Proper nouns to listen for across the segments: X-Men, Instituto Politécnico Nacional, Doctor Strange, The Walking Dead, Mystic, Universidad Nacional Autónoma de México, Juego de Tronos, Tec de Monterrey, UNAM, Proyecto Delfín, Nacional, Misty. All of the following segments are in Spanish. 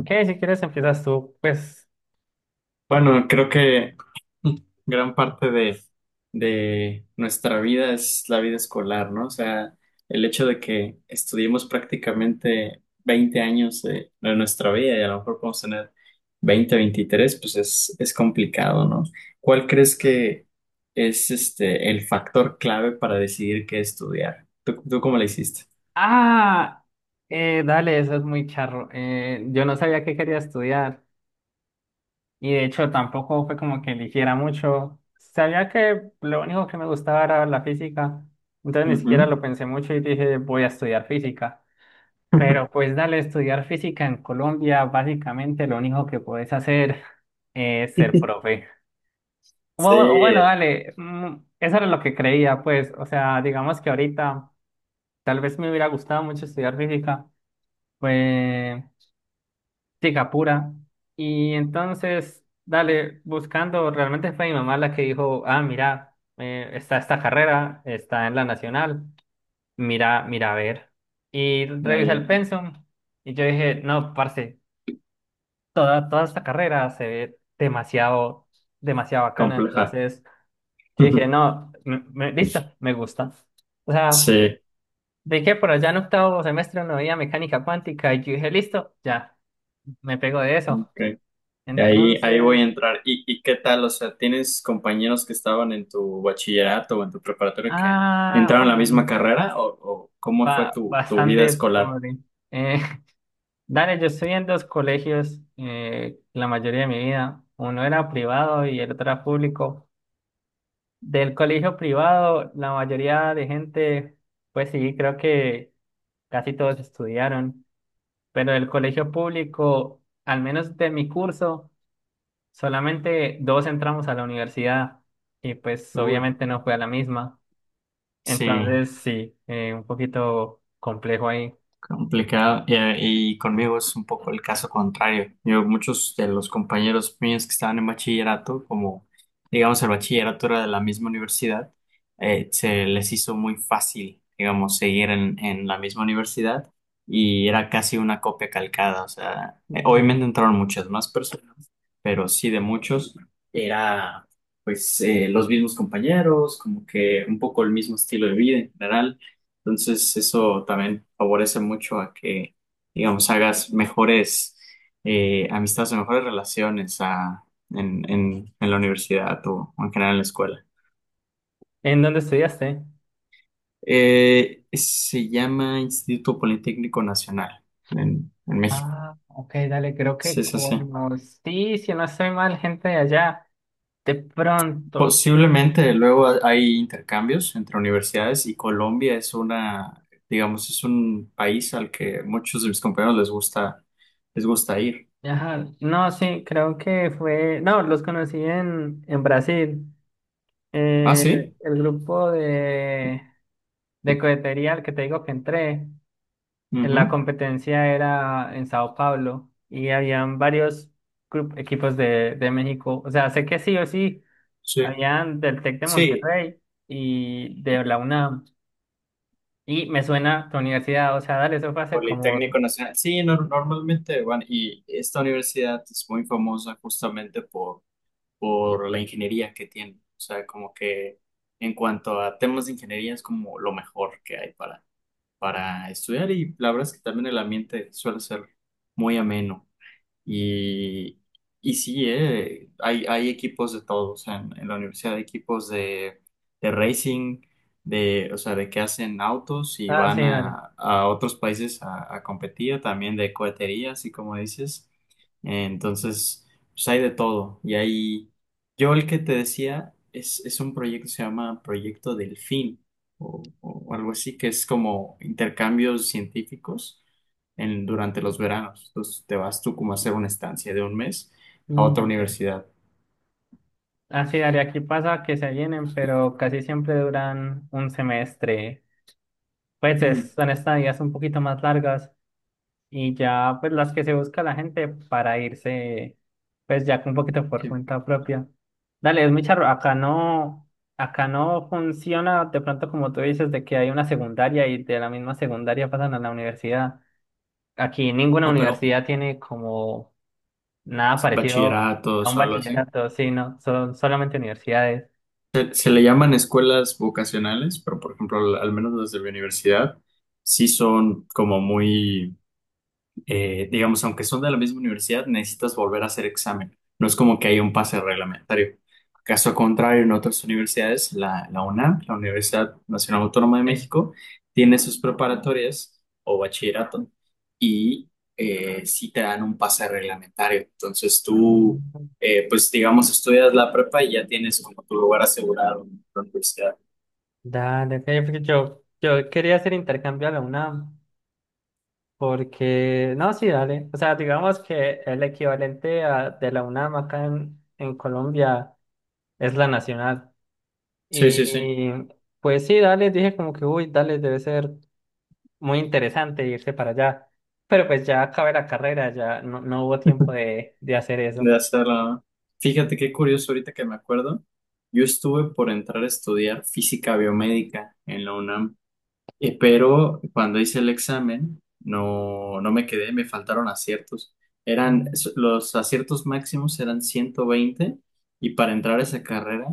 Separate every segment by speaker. Speaker 1: Ok, si quieres empiezas tú, pues...
Speaker 2: Bueno, creo que gran parte de nuestra vida es la vida escolar, ¿no? O sea, el hecho de que estudiemos prácticamente 20 años de nuestra vida y a lo mejor podemos tener 20, 23, pues es complicado, ¿no? ¿Cuál crees que es el factor clave para decidir qué estudiar? ¿Tú cómo le hiciste?
Speaker 1: Ah, Dale, eso es muy charro. Yo no sabía que quería estudiar y de hecho tampoco fue como que eligiera mucho. Sabía que lo único que me gustaba era la física, entonces ni siquiera
Speaker 2: Ujú.
Speaker 1: lo pensé mucho y dije voy a estudiar física. Pero pues dale, estudiar física en Colombia, básicamente lo único que podés hacer es ser profe. Bueno,
Speaker 2: Sí,
Speaker 1: dale, eso era lo que creía, pues, o sea, digamos que ahorita... Tal vez me hubiera gustado mucho estudiar física, fue física pura. Y entonces, dale, buscando, realmente fue mi mamá la que dijo, ah, mira, está esta carrera, está en la nacional, mira, mira, a ver. Y
Speaker 2: ya,
Speaker 1: revisé
Speaker 2: ya,
Speaker 1: el pensum y yo dije, no, parce, toda esta carrera se ve demasiado, demasiado bacana.
Speaker 2: compleja.
Speaker 1: Entonces, yo dije, no, listo, me gusta. O sea,
Speaker 2: Sí,
Speaker 1: vi que por allá en octavo semestre no había mecánica cuántica y yo dije, listo, ya, me pego de eso.
Speaker 2: ok. Ahí voy a
Speaker 1: Entonces,
Speaker 2: entrar. ¿Y qué tal? O sea, ¿tienes compañeros que estaban en tu bachillerato o en tu preparatoria que
Speaker 1: ah,
Speaker 2: entraron a la
Speaker 1: bueno,
Speaker 2: misma carrera? ¿O cómo fue tu vida
Speaker 1: bastante
Speaker 2: escolar?
Speaker 1: pobre. Eh, dale, yo estudié en dos colegios la mayoría de mi vida. Uno era privado y el otro era público. Del colegio privado, la mayoría de gente, pues sí, creo que casi todos estudiaron, pero del colegio público, al menos de mi curso, solamente dos entramos a la universidad y pues
Speaker 2: Uy,
Speaker 1: obviamente no fue a la misma.
Speaker 2: sí.
Speaker 1: Entonces sí, un poquito complejo ahí.
Speaker 2: Complicado. Y conmigo es un poco el caso contrario. Yo, muchos de los compañeros míos que estaban en bachillerato, como digamos el bachillerato era de la misma universidad, se les hizo muy fácil, digamos, seguir en la misma universidad y era casi una copia calcada. O sea,
Speaker 1: Mm.
Speaker 2: obviamente entraron muchas más personas, pero sí de muchos era pues los mismos compañeros, como que un poco el mismo estilo de vida en general. Entonces, eso también favorece mucho a que, digamos, hagas mejores amistades o mejores relaciones en la universidad o, en general en la escuela.
Speaker 1: ¿En dónde estudiaste?
Speaker 2: Se llama Instituto Politécnico Nacional en México.
Speaker 1: Ah, ok, dale, creo que
Speaker 2: Sí, sí, sí.
Speaker 1: conocí, si no estoy mal, gente de allá. De pronto.
Speaker 2: Posiblemente luego hay intercambios entre universidades y Colombia es una, digamos, es un país al que muchos de mis compañeros les gusta ir.
Speaker 1: Ajá. No, sí, creo que fue. No, los conocí en Brasil.
Speaker 2: Ah,
Speaker 1: Eh,
Speaker 2: sí.
Speaker 1: el grupo de cohetería al que te digo que entré, en la
Speaker 2: Ujú.
Speaker 1: competencia era en Sao Paulo y habían varios equipos de México. O sea, sé que sí o sí,
Speaker 2: Sí.
Speaker 1: habían del Tec de
Speaker 2: Sí,
Speaker 1: Monterrey y de la UNAM. Y me suena tu universidad, o sea, dale, eso fue hace como...
Speaker 2: Politécnico Nacional. Sí, normalmente van, y esta universidad es muy famosa justamente por la ingeniería que tiene. O sea, como que en cuanto a temas de ingeniería es como lo mejor que hay para estudiar y la verdad es que también el ambiente suele ser muy ameno. Y, y sí, hay equipos de todos en la universidad, hay equipos de racing, de, o sea, de que hacen autos y
Speaker 1: Ah,
Speaker 2: van
Speaker 1: sí, dale.
Speaker 2: a otros países a competir, también de cohetería, así como dices. Entonces, pues hay de todo. Y ahí, yo el que te decía es un proyecto que se llama Proyecto Delfín o algo así, que es como intercambios científicos durante los veranos. Entonces te vas tú como a hacer una estancia de un mes a otra
Speaker 1: Mm, ve.
Speaker 2: universidad.
Speaker 1: Ah, sí, dale, aquí pasa que se vienen, pero casi siempre duran un semestre. Pues
Speaker 2: Mm,
Speaker 1: son estadías un poquito más largas. Y ya, pues las que se busca la gente para irse, pues ya con un poquito por
Speaker 2: sí.
Speaker 1: cuenta propia. Dale, es muy charro. Acá no funciona de pronto como tú dices, de que hay una secundaria y de la misma secundaria pasan a la universidad. Aquí ninguna
Speaker 2: Ah, pero
Speaker 1: universidad tiene como nada parecido
Speaker 2: bachillerato
Speaker 1: a un
Speaker 2: o algo así.
Speaker 1: bachillerato, sí, no, son solamente universidades.
Speaker 2: Se le llaman escuelas vocacionales, pero por ejemplo, al menos las de mi universidad, sí son como muy digamos, aunque son de la misma universidad, necesitas volver a hacer examen. No es como que haya un pase reglamentario. Caso contrario, en otras universidades, la UNAM, la Universidad Nacional Autónoma de
Speaker 1: Sí.
Speaker 2: México, tiene sus preparatorias o bachillerato y sí te dan un pase reglamentario. Entonces
Speaker 1: Ah,
Speaker 2: tú, pues digamos, estudias la prepa y ya tienes como tu lugar asegurado en la universidad.
Speaker 1: dale, ok, porque yo quería hacer intercambio a la UNAM. Porque, no, sí, dale. O sea, digamos que el equivalente de la UNAM acá en Colombia es la Nacional.
Speaker 2: Sí,
Speaker 1: Y
Speaker 2: sí, sí.
Speaker 1: pues sí, dale, dije como que, uy, dale, debe ser muy interesante irse para allá. Pero pues ya acabé la carrera, ya no, no hubo tiempo de hacer eso.
Speaker 2: De hacerla. Fíjate qué curioso ahorita que me acuerdo. Yo estuve por entrar a estudiar física biomédica en la UNAM, pero cuando hice el examen no, no me quedé, me faltaron aciertos. Eran,
Speaker 1: Mm.
Speaker 2: los aciertos máximos eran 120 y para entrar a esa carrera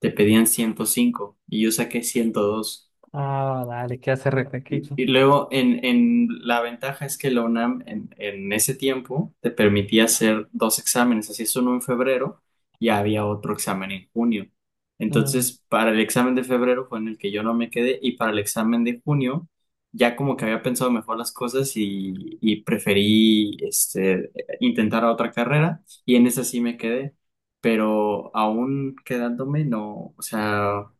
Speaker 2: te pedían 105 y yo saqué 102
Speaker 1: Ah, dale, ¿qué hace
Speaker 2: y,
Speaker 1: Repequicho?
Speaker 2: y luego, en la ventaja es que la UNAM en ese tiempo te permitía hacer dos exámenes, así es uno en febrero y había otro examen en junio.
Speaker 1: Mm.
Speaker 2: Entonces, para el examen de febrero fue en el que yo no me quedé y para el examen de junio ya como que había pensado mejor las cosas y preferí este, intentar otra carrera y en esa sí me quedé, pero aún quedándome no, o sea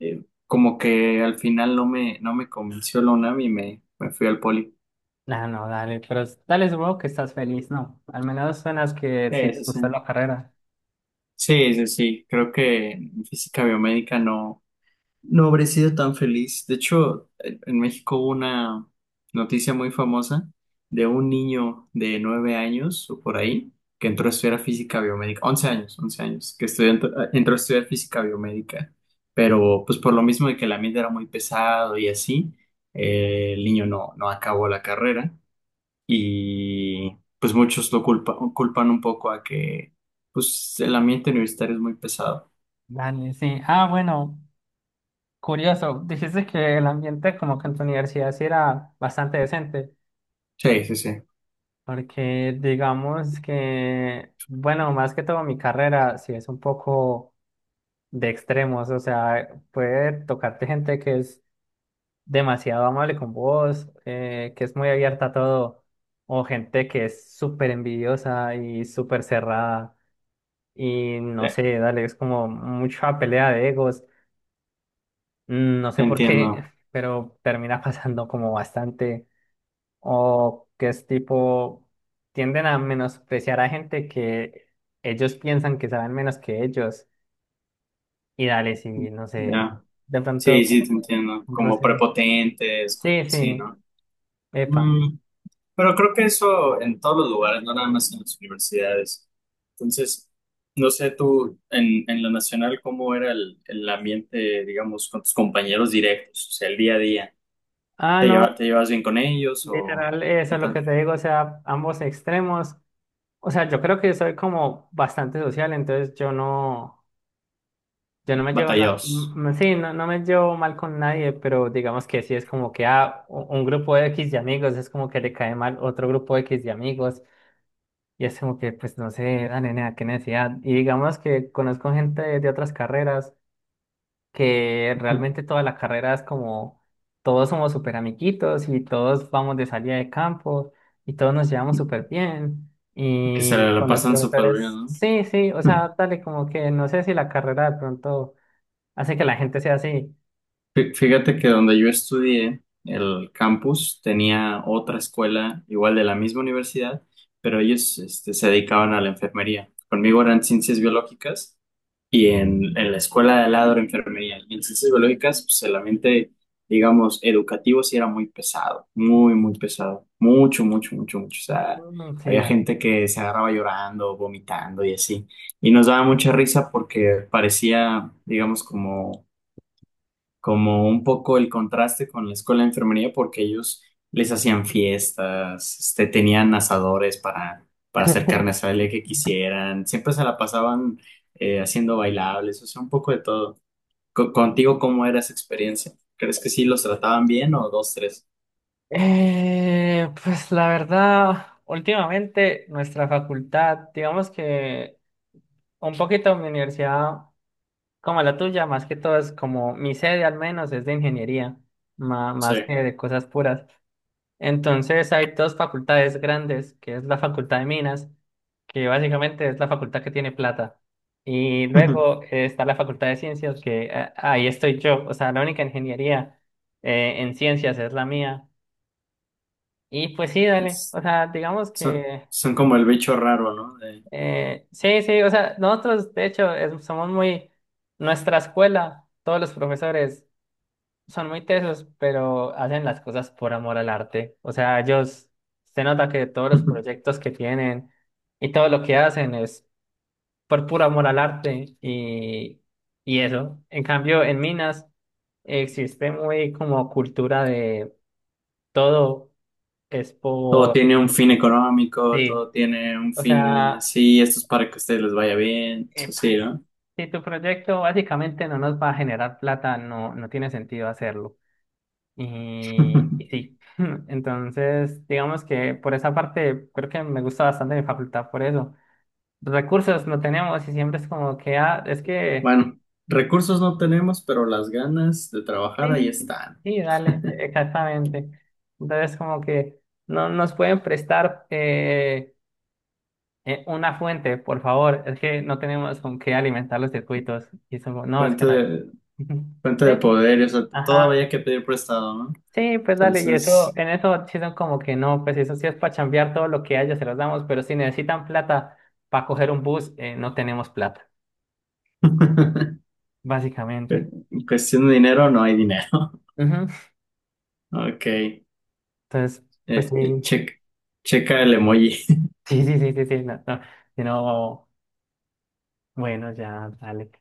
Speaker 2: como que al final no me convenció la UNAM y me fui al poli.
Speaker 1: No, no, dale, pero dale, supongo que estás feliz, ¿no? Al menos suenas que sí
Speaker 2: Sí,
Speaker 1: te
Speaker 2: sí, sí.
Speaker 1: gustó la carrera.
Speaker 2: Sí, sí, sí. Creo que en física biomédica no, no habré sido tan feliz. De hecho, en México hubo una noticia muy famosa de un niño de 9 años o por ahí que entró a estudiar física biomédica, 11 años, 11 años, que estudió, entró a estudiar física biomédica, pero pues por lo mismo de que el ambiente era muy pesado y así, el niño no, no acabó la carrera y pues muchos lo culpan un poco a que pues el ambiente universitario es muy pesado.
Speaker 1: Dale, sí. Ah, bueno. Curioso, dijiste que el ambiente como que en tu universidad sí era bastante decente,
Speaker 2: Sí, sí, sí,
Speaker 1: porque digamos que, bueno, más que todo mi carrera sí es un poco de extremos, o sea, puede tocarte gente que es demasiado amable con vos, que es muy abierta a todo, o gente que es súper envidiosa y súper cerrada, y no
Speaker 2: te
Speaker 1: sé, dale, es como mucha pelea de egos, mm, no
Speaker 2: te
Speaker 1: sé por qué,
Speaker 2: entiendo,
Speaker 1: pero termina pasando como bastante. O que es tipo, tienden a menospreciar a gente que ellos piensan que saben menos que ellos. Y dale, sí, no sé,
Speaker 2: ya.
Speaker 1: de pronto
Speaker 2: Sí, sí,
Speaker 1: como
Speaker 2: te
Speaker 1: que
Speaker 2: entiendo,
Speaker 1: un
Speaker 2: como
Speaker 1: roce.
Speaker 2: prepotentes,
Speaker 1: Sí,
Speaker 2: sí,
Speaker 1: sí,
Speaker 2: ¿no?
Speaker 1: epa.
Speaker 2: Mm, pero creo que eso en todos los lugares, no nada más en las universidades. Entonces, no sé tú, en la nacional, ¿cómo era el ambiente, digamos, con tus compañeros directos, o sea, el día a día?
Speaker 1: Ah,
Speaker 2: ¿Te
Speaker 1: no,
Speaker 2: lleva- te llevas bien con ellos o
Speaker 1: literal, eso
Speaker 2: qué
Speaker 1: es lo
Speaker 2: tal?
Speaker 1: que te digo, o sea, ambos extremos. O sea, yo creo que soy como bastante social, entonces yo no. Yo no me llevo
Speaker 2: Batallados.
Speaker 1: sí, no, no me llevo mal con nadie, pero digamos que sí es como que ah, un grupo de X de amigos es como que le cae mal otro grupo de X de amigos y es como que pues no sé, ah, nena, qué necesidad. Y digamos que conozco gente de otras carreras que realmente toda la carrera es como todos somos súper amiguitos y todos vamos de salida de campo y todos nos llevamos súper bien.
Speaker 2: Que se
Speaker 1: Y
Speaker 2: la
Speaker 1: con los
Speaker 2: pasan súper
Speaker 1: profesores,
Speaker 2: bien,
Speaker 1: sí, sí, o
Speaker 2: ¿no?
Speaker 1: sea, dale, como que no sé si la carrera de pronto hace que la gente sea así.
Speaker 2: Fíjate que donde yo estudié, el campus tenía otra escuela, igual de la misma universidad, pero ellos se dedicaban a la enfermería. Conmigo eran ciencias biológicas. Y en la escuela de al lado era enfermería. Y en ciencias biológicas, pues, solamente, digamos, educativo sí era muy pesado, muy, muy pesado. Mucho, mucho, mucho, mucho. O sea,
Speaker 1: Mm, sí,
Speaker 2: había
Speaker 1: Dani.
Speaker 2: gente que se agarraba llorando, vomitando y así. Y nos daba mucha risa porque parecía, digamos, como un poco el contraste con la escuela de enfermería porque ellos les hacían fiestas, este, tenían asadores para hacer carne asada el día que quisieran, siempre se la pasaban haciendo bailables, o sea, un poco de todo. Contigo, ¿cómo era esa experiencia? ¿Crees que sí los trataban bien o dos, tres?
Speaker 1: Pues la verdad, últimamente nuestra facultad, digamos que un poquito mi universidad, como la tuya, más que todo es como mi sede al menos es de ingeniería,
Speaker 2: Sí.
Speaker 1: más que de cosas puras. Entonces hay dos facultades grandes, que es la Facultad de Minas, que básicamente es la facultad que tiene plata. Y luego está la Facultad de Ciencias, que ahí estoy yo. O sea, la única ingeniería en ciencias es la mía. Y pues sí, dale.
Speaker 2: Es-
Speaker 1: O sea, digamos
Speaker 2: Son,
Speaker 1: que
Speaker 2: son como el bicho raro, ¿no? De-
Speaker 1: sí, sí. O sea, nosotros, de hecho, somos muy... Nuestra escuela, todos los profesores son muy tesos, pero hacen las cosas por amor al arte. O sea, ellos se nota que todos los proyectos que tienen y todo lo que hacen es por puro amor al arte y eso. En cambio, en Minas existe muy como cultura de todo es
Speaker 2: todo
Speaker 1: por
Speaker 2: tiene un fin económico,
Speaker 1: sí.
Speaker 2: todo tiene un
Speaker 1: O
Speaker 2: fin
Speaker 1: sea,
Speaker 2: así, esto es para que a ustedes les vaya bien, eso sí,
Speaker 1: epa,
Speaker 2: ¿no?
Speaker 1: si tu proyecto básicamente no nos va a generar plata, no, no tiene sentido hacerlo. Y sí, entonces digamos que por esa parte creo que me gusta bastante mi facultad por eso. Recursos no tenemos y siempre es como que, ah, es que
Speaker 2: Bueno, recursos no tenemos, pero las ganas de trabajar ahí
Speaker 1: sí,
Speaker 2: están.
Speaker 1: sí, dale, exactamente. Entonces como que no nos pueden prestar una fuente, por favor, es que no tenemos con qué alimentar los circuitos. Y somos, no, es que
Speaker 2: Fuente
Speaker 1: no hay.
Speaker 2: de, fuente
Speaker 1: Sí,
Speaker 2: de poder, y, o sea, todo
Speaker 1: ajá.
Speaker 2: había que pedir prestado, ¿no?
Speaker 1: Sí, pues dale, y eso,
Speaker 2: Entonces,
Speaker 1: en eso sí son como que no, pues eso sí es para chambear todo lo que haya, se los damos, pero si necesitan plata para coger un bus, no tenemos plata, básicamente.
Speaker 2: en cuestión de dinero, no hay dinero.
Speaker 1: Ujú.
Speaker 2: Ok,
Speaker 1: Entonces, pues
Speaker 2: eh,
Speaker 1: sí,
Speaker 2: check- checa el emoji.
Speaker 1: sí, sí, sí, sí, sí, no, no, si no, bueno, ya, dale.